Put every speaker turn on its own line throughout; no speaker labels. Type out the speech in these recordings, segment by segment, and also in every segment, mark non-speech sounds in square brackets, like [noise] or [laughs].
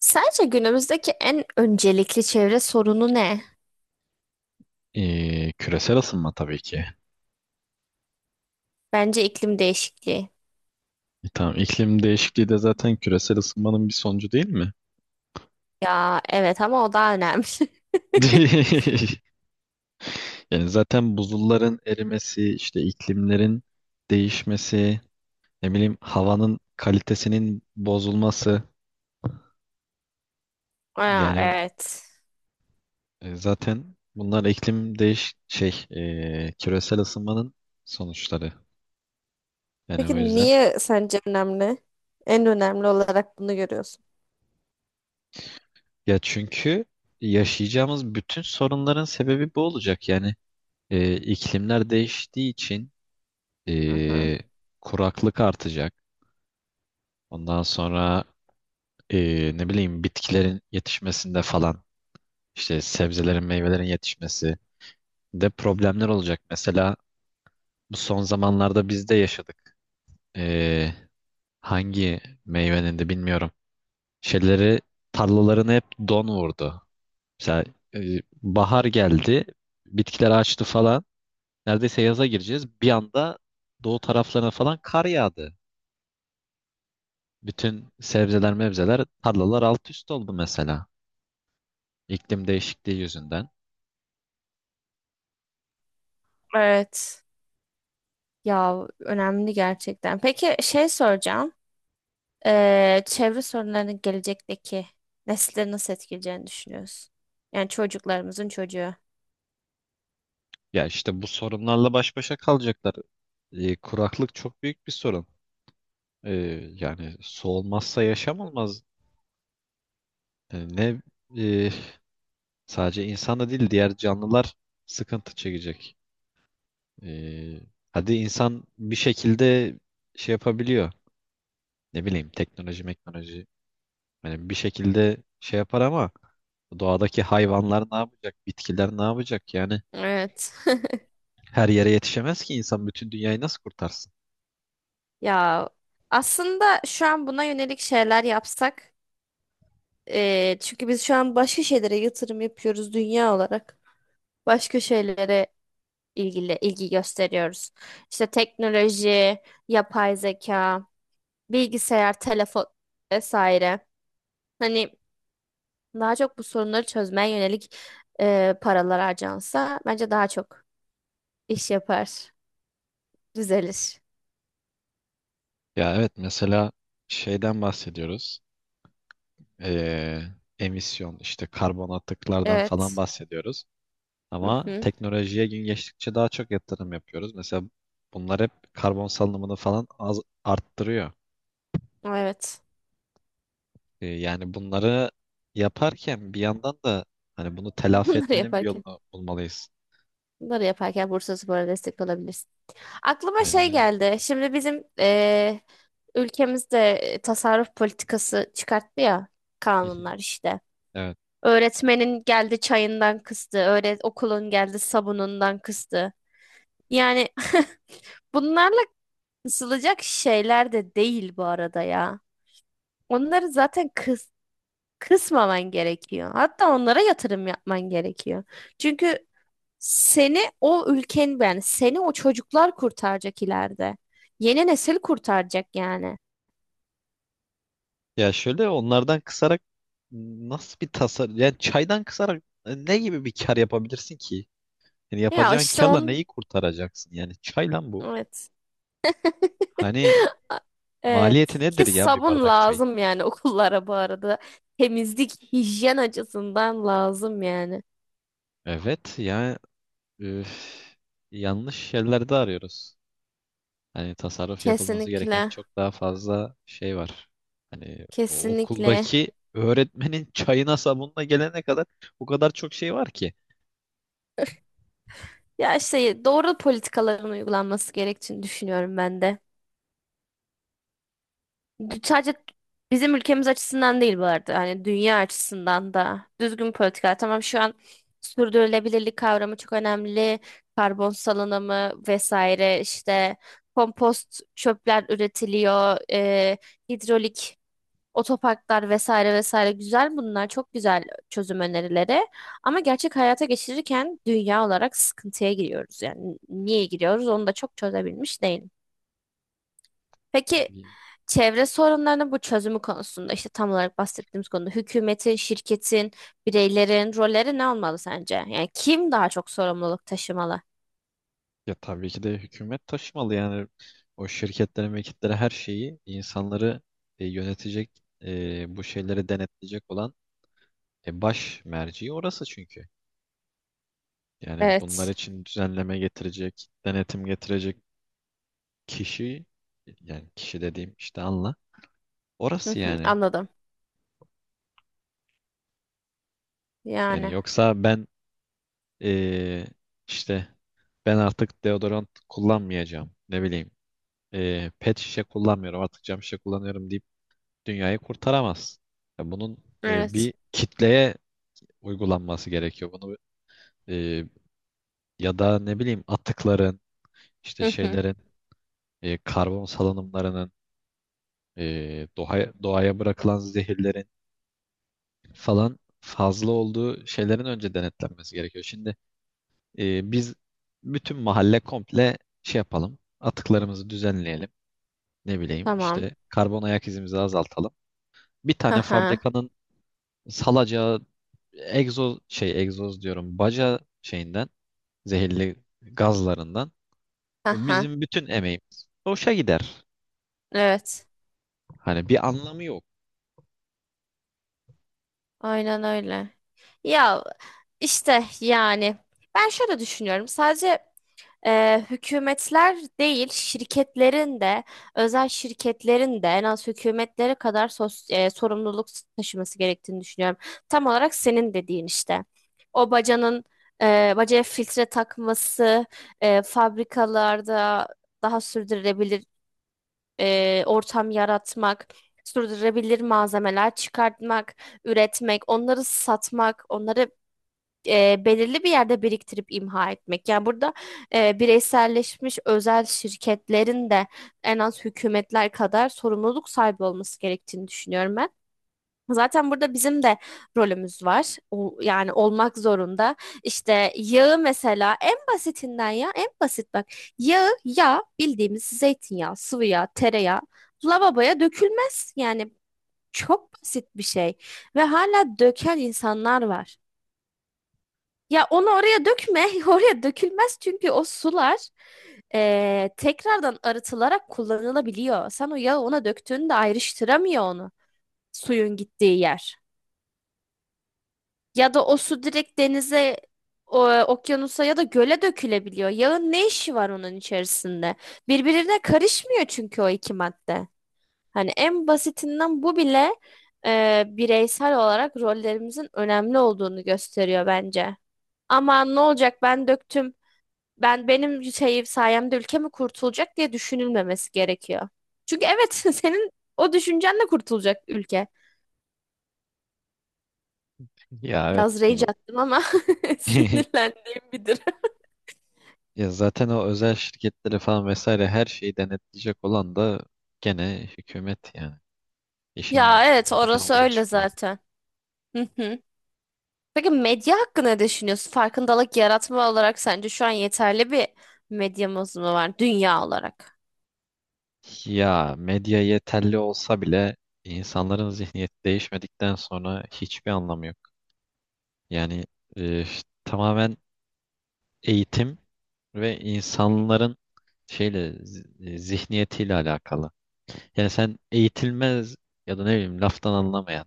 Sence günümüzdeki en öncelikli çevre sorunu ne?
Küresel ısınma tabii ki.
Bence iklim değişikliği.
Tamam, iklim değişikliği de zaten küresel ısınmanın bir sonucu değil mi?
Ya evet ama o daha önemli. [laughs]
[laughs] Yani zaten buzulların erimesi, işte iklimlerin değişmesi, ne bileyim havanın kalitesinin bozulması.
Aa,
Yani
evet.
zaten bunlar iklim değiş şey küresel ısınmanın sonuçları. Yani
Peki
o yüzden,
niye sence önemli? En önemli olarak bunu görüyorsun.
ya çünkü yaşayacağımız bütün sorunların sebebi bu olacak. Yani iklimler değiştiği için
Aha,
e, kuraklık artacak. Ondan sonra ne bileyim bitkilerin yetişmesinde falan, işte sebzelerin meyvelerin yetişmesi de problemler olacak. Mesela bu son zamanlarda biz de yaşadık. E, Hangi meyvenin de bilmiyorum. Şeyleri, tarlalarını hep don vurdu. Mesela e, bahar geldi, bitkiler açtı falan. Neredeyse yaza gireceğiz. Bir anda doğu taraflarına falan kar yağdı. Bütün sebzeler mevzeler tarlalar alt üst oldu mesela. İklim değişikliği yüzünden.
evet. Ya önemli gerçekten. Peki şey soracağım. Çevre sorunlarının gelecekteki nesleri nasıl etkileyeceğini düşünüyorsun? Yani çocuklarımızın çocuğu.
Ya işte bu sorunlarla baş başa kalacaklar. Kuraklık çok büyük bir sorun. E, Yani su olmazsa yaşam olmaz. E, ne e, Sadece insan da değil, diğer canlılar sıkıntı çekecek. E, Hadi insan bir şekilde şey yapabiliyor. Ne bileyim, teknoloji, meknoloji. Yani bir şekilde şey yapar ama doğadaki hayvanlar ne yapacak? Bitkiler ne yapacak? Yani
Evet. [laughs]
her yere yetişemez ki insan, bütün dünyayı nasıl kurtarsın?
Ya aslında şu an buna yönelik şeyler yapsak çünkü biz şu an başka şeylere yatırım yapıyoruz dünya olarak. Başka şeylere ilgili ilgi gösteriyoruz. İşte teknoloji, yapay zeka, bilgisayar, telefon vesaire. Hani daha çok bu sorunları çözmeye yönelik paralar harcansa bence daha çok iş yapar, düzelir.
Ya evet, mesela şeyden bahsediyoruz. Ee, Emisyon, işte karbon atıklardan falan
Evet.
bahsediyoruz.
Hı
Ama
hı.
teknolojiye gün geçtikçe daha çok yatırım yapıyoruz. Mesela bunlar hep karbon salınımını falan az arttırıyor.
Evet.
Yani bunları yaparken bir yandan da hani bunu
[laughs]
telafi
Bunları
etmenin bir
yaparken,
yolunu bulmalıyız.
bunları yaparken Bursaspor'a destek olabilir. Aklıma
Aynen
şey
öyle.
geldi. Şimdi bizim ülkemizde tasarruf politikası çıkarttı ya,
Hı hı.
kanunlar işte.
Evet.
Öğretmenin geldi çayından kıstı, öğret okulun geldi sabunundan kıstı. Yani [laughs] bunlarla kısılacak şeyler de değil bu arada ya. Onları zaten kısmaman gerekiyor. Hatta onlara yatırım yapman gerekiyor. Çünkü seni o ülken, yani seni o çocuklar kurtaracak ileride. Yeni nesil kurtaracak yani.
Ya şöyle, onlardan kısarak nasıl bir tasar, yani çaydan kısarak ne gibi bir kar yapabilirsin ki? Yani
Ya
yapacağın
işte
karla
on
neyi kurtaracaksın? Yani çay lan bu.
Evet. [laughs]
Hani
Evet.
maliyeti nedir
Ki
ya bir
sabun
bardak çayın?
lazım yani [laughs] okullara bu arada. Temizlik, hijyen açısından lazım yani.
Evet ya, üf, yanlış yerlerde arıyoruz. Hani tasarruf yapılması gereken
Kesinlikle.
çok daha fazla şey var. Hani o
Kesinlikle.
okuldaki öğretmenin çayına sabunla gelene kadar o kadar çok şey var ki.
Ya işte doğru politikaların uygulanması gerektiğini düşünüyorum ben de. Sadece bizim ülkemiz açısından değil bu arada. Hani dünya açısından da düzgün politika. Tamam, şu an sürdürülebilirlik kavramı çok önemli. Karbon salınımı vesaire, işte kompost çöpler üretiliyor. Hidrolik otoparklar vesaire vesaire, güzel bunlar, çok güzel çözüm önerileri. Ama gerçek hayata geçirirken dünya olarak sıkıntıya giriyoruz. Yani niye giriyoruz onu da çok çözebilmiş değil. Peki çevre sorunlarının bu çözümü konusunda, işte tam olarak bahsettiğimiz konuda, hükümetin, şirketin, bireylerin rolleri ne olmalı sence? Yani kim daha çok sorumluluk taşımalı?
Ya tabii ki de hükümet taşımalı, yani o şirketlere, mülkiyetlere, her şeyi, insanları yönetecek, bu şeyleri denetleyecek olan baş merci orası çünkü. Yani bunlar
Evet.
için düzenleme getirecek, denetim getirecek kişi, yani kişi dediğim işte, anla,
Hı
orası
hı,
yani.
anladım.
Yani
Yani.
yoksa ben, e, işte, ben artık deodorant kullanmayacağım, ne bileyim, pet şişe kullanmıyorum artık, cam şişe kullanıyorum deyip dünyayı kurtaramazsın. Ya bunun
Evet.
bir kitleye uygulanması gerekiyor. Bunu, e, ya da ne bileyim atıkların, işte
Hı hı,
şeylerin, karbon salınımlarının, doğaya bırakılan zehirlerin falan fazla olduğu şeylerin önce denetlenmesi gerekiyor. Şimdi biz bütün mahalle komple şey yapalım, atıklarımızı düzenleyelim. Ne bileyim,
tamam.
işte karbon ayak izimizi azaltalım. Bir
Hı
tane
hı.
fabrikanın salacağı egzoz diyorum, baca şeyinden zehirli gazlarından
Hı hı.
bizim bütün emeğimiz boşa gider.
Evet.
Hani bir anlamı yok.
Aynen öyle. Ya işte yani ben şöyle düşünüyorum. Sadece hükümetler değil, şirketlerin de, özel şirketlerin de en az hükümetlere kadar sorumluluk taşıması gerektiğini düşünüyorum. Tam olarak senin dediğin işte. O bacanın, bacaya filtre takması, fabrikalarda daha sürdürülebilir ortam yaratmak, sürdürülebilir malzemeler çıkartmak, üretmek, onları satmak, onları belirli bir yerde biriktirip imha etmek. Yani burada bireyselleşmiş özel şirketlerin de en az hükümetler kadar sorumluluk sahibi olması gerektiğini düşünüyorum ben. Zaten burada bizim de rolümüz var. O, yani olmak zorunda. İşte yağı mesela, en basitinden, ya en basit bak. Yağı, yağ bildiğimiz zeytinyağı, sıvı yağ, tereyağı lavaboya dökülmez. Yani çok basit bir şey ve hala döken insanlar var. Ya onu oraya dökme. [laughs] Oraya dökülmez çünkü o sular tekrardan arıtılarak kullanılabiliyor. Sen o yağı ona döktüğünde ayrıştıramıyor onu suyun gittiği yer. Ya da o su direkt denize, o, okyanusa ya da göle dökülebiliyor. Yağın ne işi var onun içerisinde? Birbirine karışmıyor çünkü o iki madde. Hani en basitinden bu bile bireysel olarak rollerimizin önemli olduğunu gösteriyor bence. Ama ne olacak, ben döktüm, ben benim şey sayemde ülke mi kurtulacak diye düşünülmemesi gerekiyor. Çünkü evet, [laughs] senin o düşüncenle kurtulacak ülke.
[laughs] Ya, evet
Biraz
gibi.
rage attım ama [laughs]
[laughs]
sinirlendiğim bir durum.
Ya zaten o özel şirketleri falan vesaire her şeyi denetleyecek olan da gene hükümet yani. İşin
Ya evet,
sonu gene
orası
oraya
öyle
çıkıyor.
zaten. Hı hı. Peki medya hakkında ne düşünüyorsun? Farkındalık yaratma olarak sence şu an yeterli bir medyamız mı var dünya olarak?
Ya medya yeterli olsa bile insanların zihniyeti değişmedikten sonra hiçbir anlamı yok. Yani e, tamamen eğitim ve insanların zihniyetiyle alakalı. Yani sen eğitilmez ya da ne bileyim, laftan anlamayan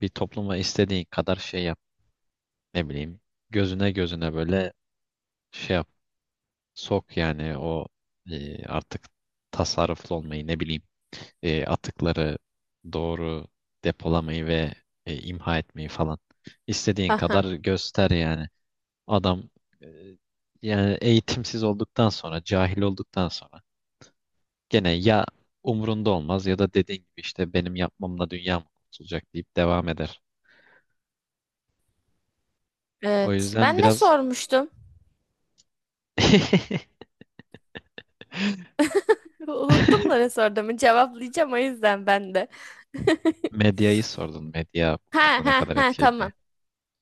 bir topluma istediğin kadar şey yap. Ne bileyim, gözüne gözüne böyle şey yap. Sok yani o, artık tasarruflu olmayı, ne bileyim, atıkları doğru depolamayı ve imha etmeyi falan. İstediğin
Aha,
kadar göster yani. Adam, e, yani eğitimsiz olduktan sonra, cahil olduktan sonra, gene ya umrunda olmaz, ya da dediğin gibi işte, benim yapmamla dünya mı kurtulacak deyip devam eder. O
evet.
yüzden
Ben ne
biraz
sormuştum?
[laughs]
[laughs] Unuttum da ne sorduğumu cevaplayacağım o yüzden ben de.
medyayı sordun. Medya bu
Ha
konuda ne
ha
kadar
ha,
etkili diye.
tamam.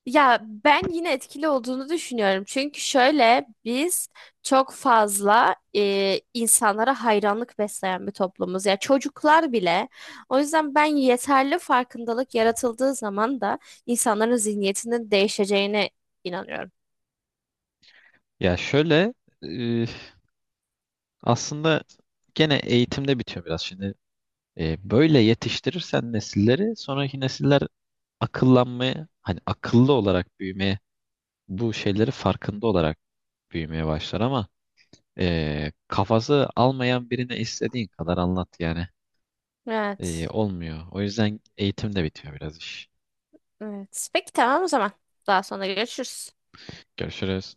Ya ben yine etkili olduğunu düşünüyorum. Çünkü şöyle, biz çok fazla insanlara hayranlık besleyen bir toplumuz. Ya çocuklar bile. O yüzden ben yeterli farkındalık yaratıldığı zaman da insanların zihniyetinin değişeceğine inanıyorum.
Ya şöyle, e, aslında gene eğitimde bitiyor biraz şimdi. Böyle yetiştirirsen nesilleri, sonraki nesiller akıllanmaya, hani akıllı olarak büyümeye, bu şeyleri farkında olarak büyümeye başlar, ama kafası almayan birine istediğin kadar anlat yani.
Evet.
Olmuyor. O yüzden eğitim de bitiyor biraz iş.
Evet. Peki tamam o zaman. Daha sonra görüşürüz.
Görüşürüz.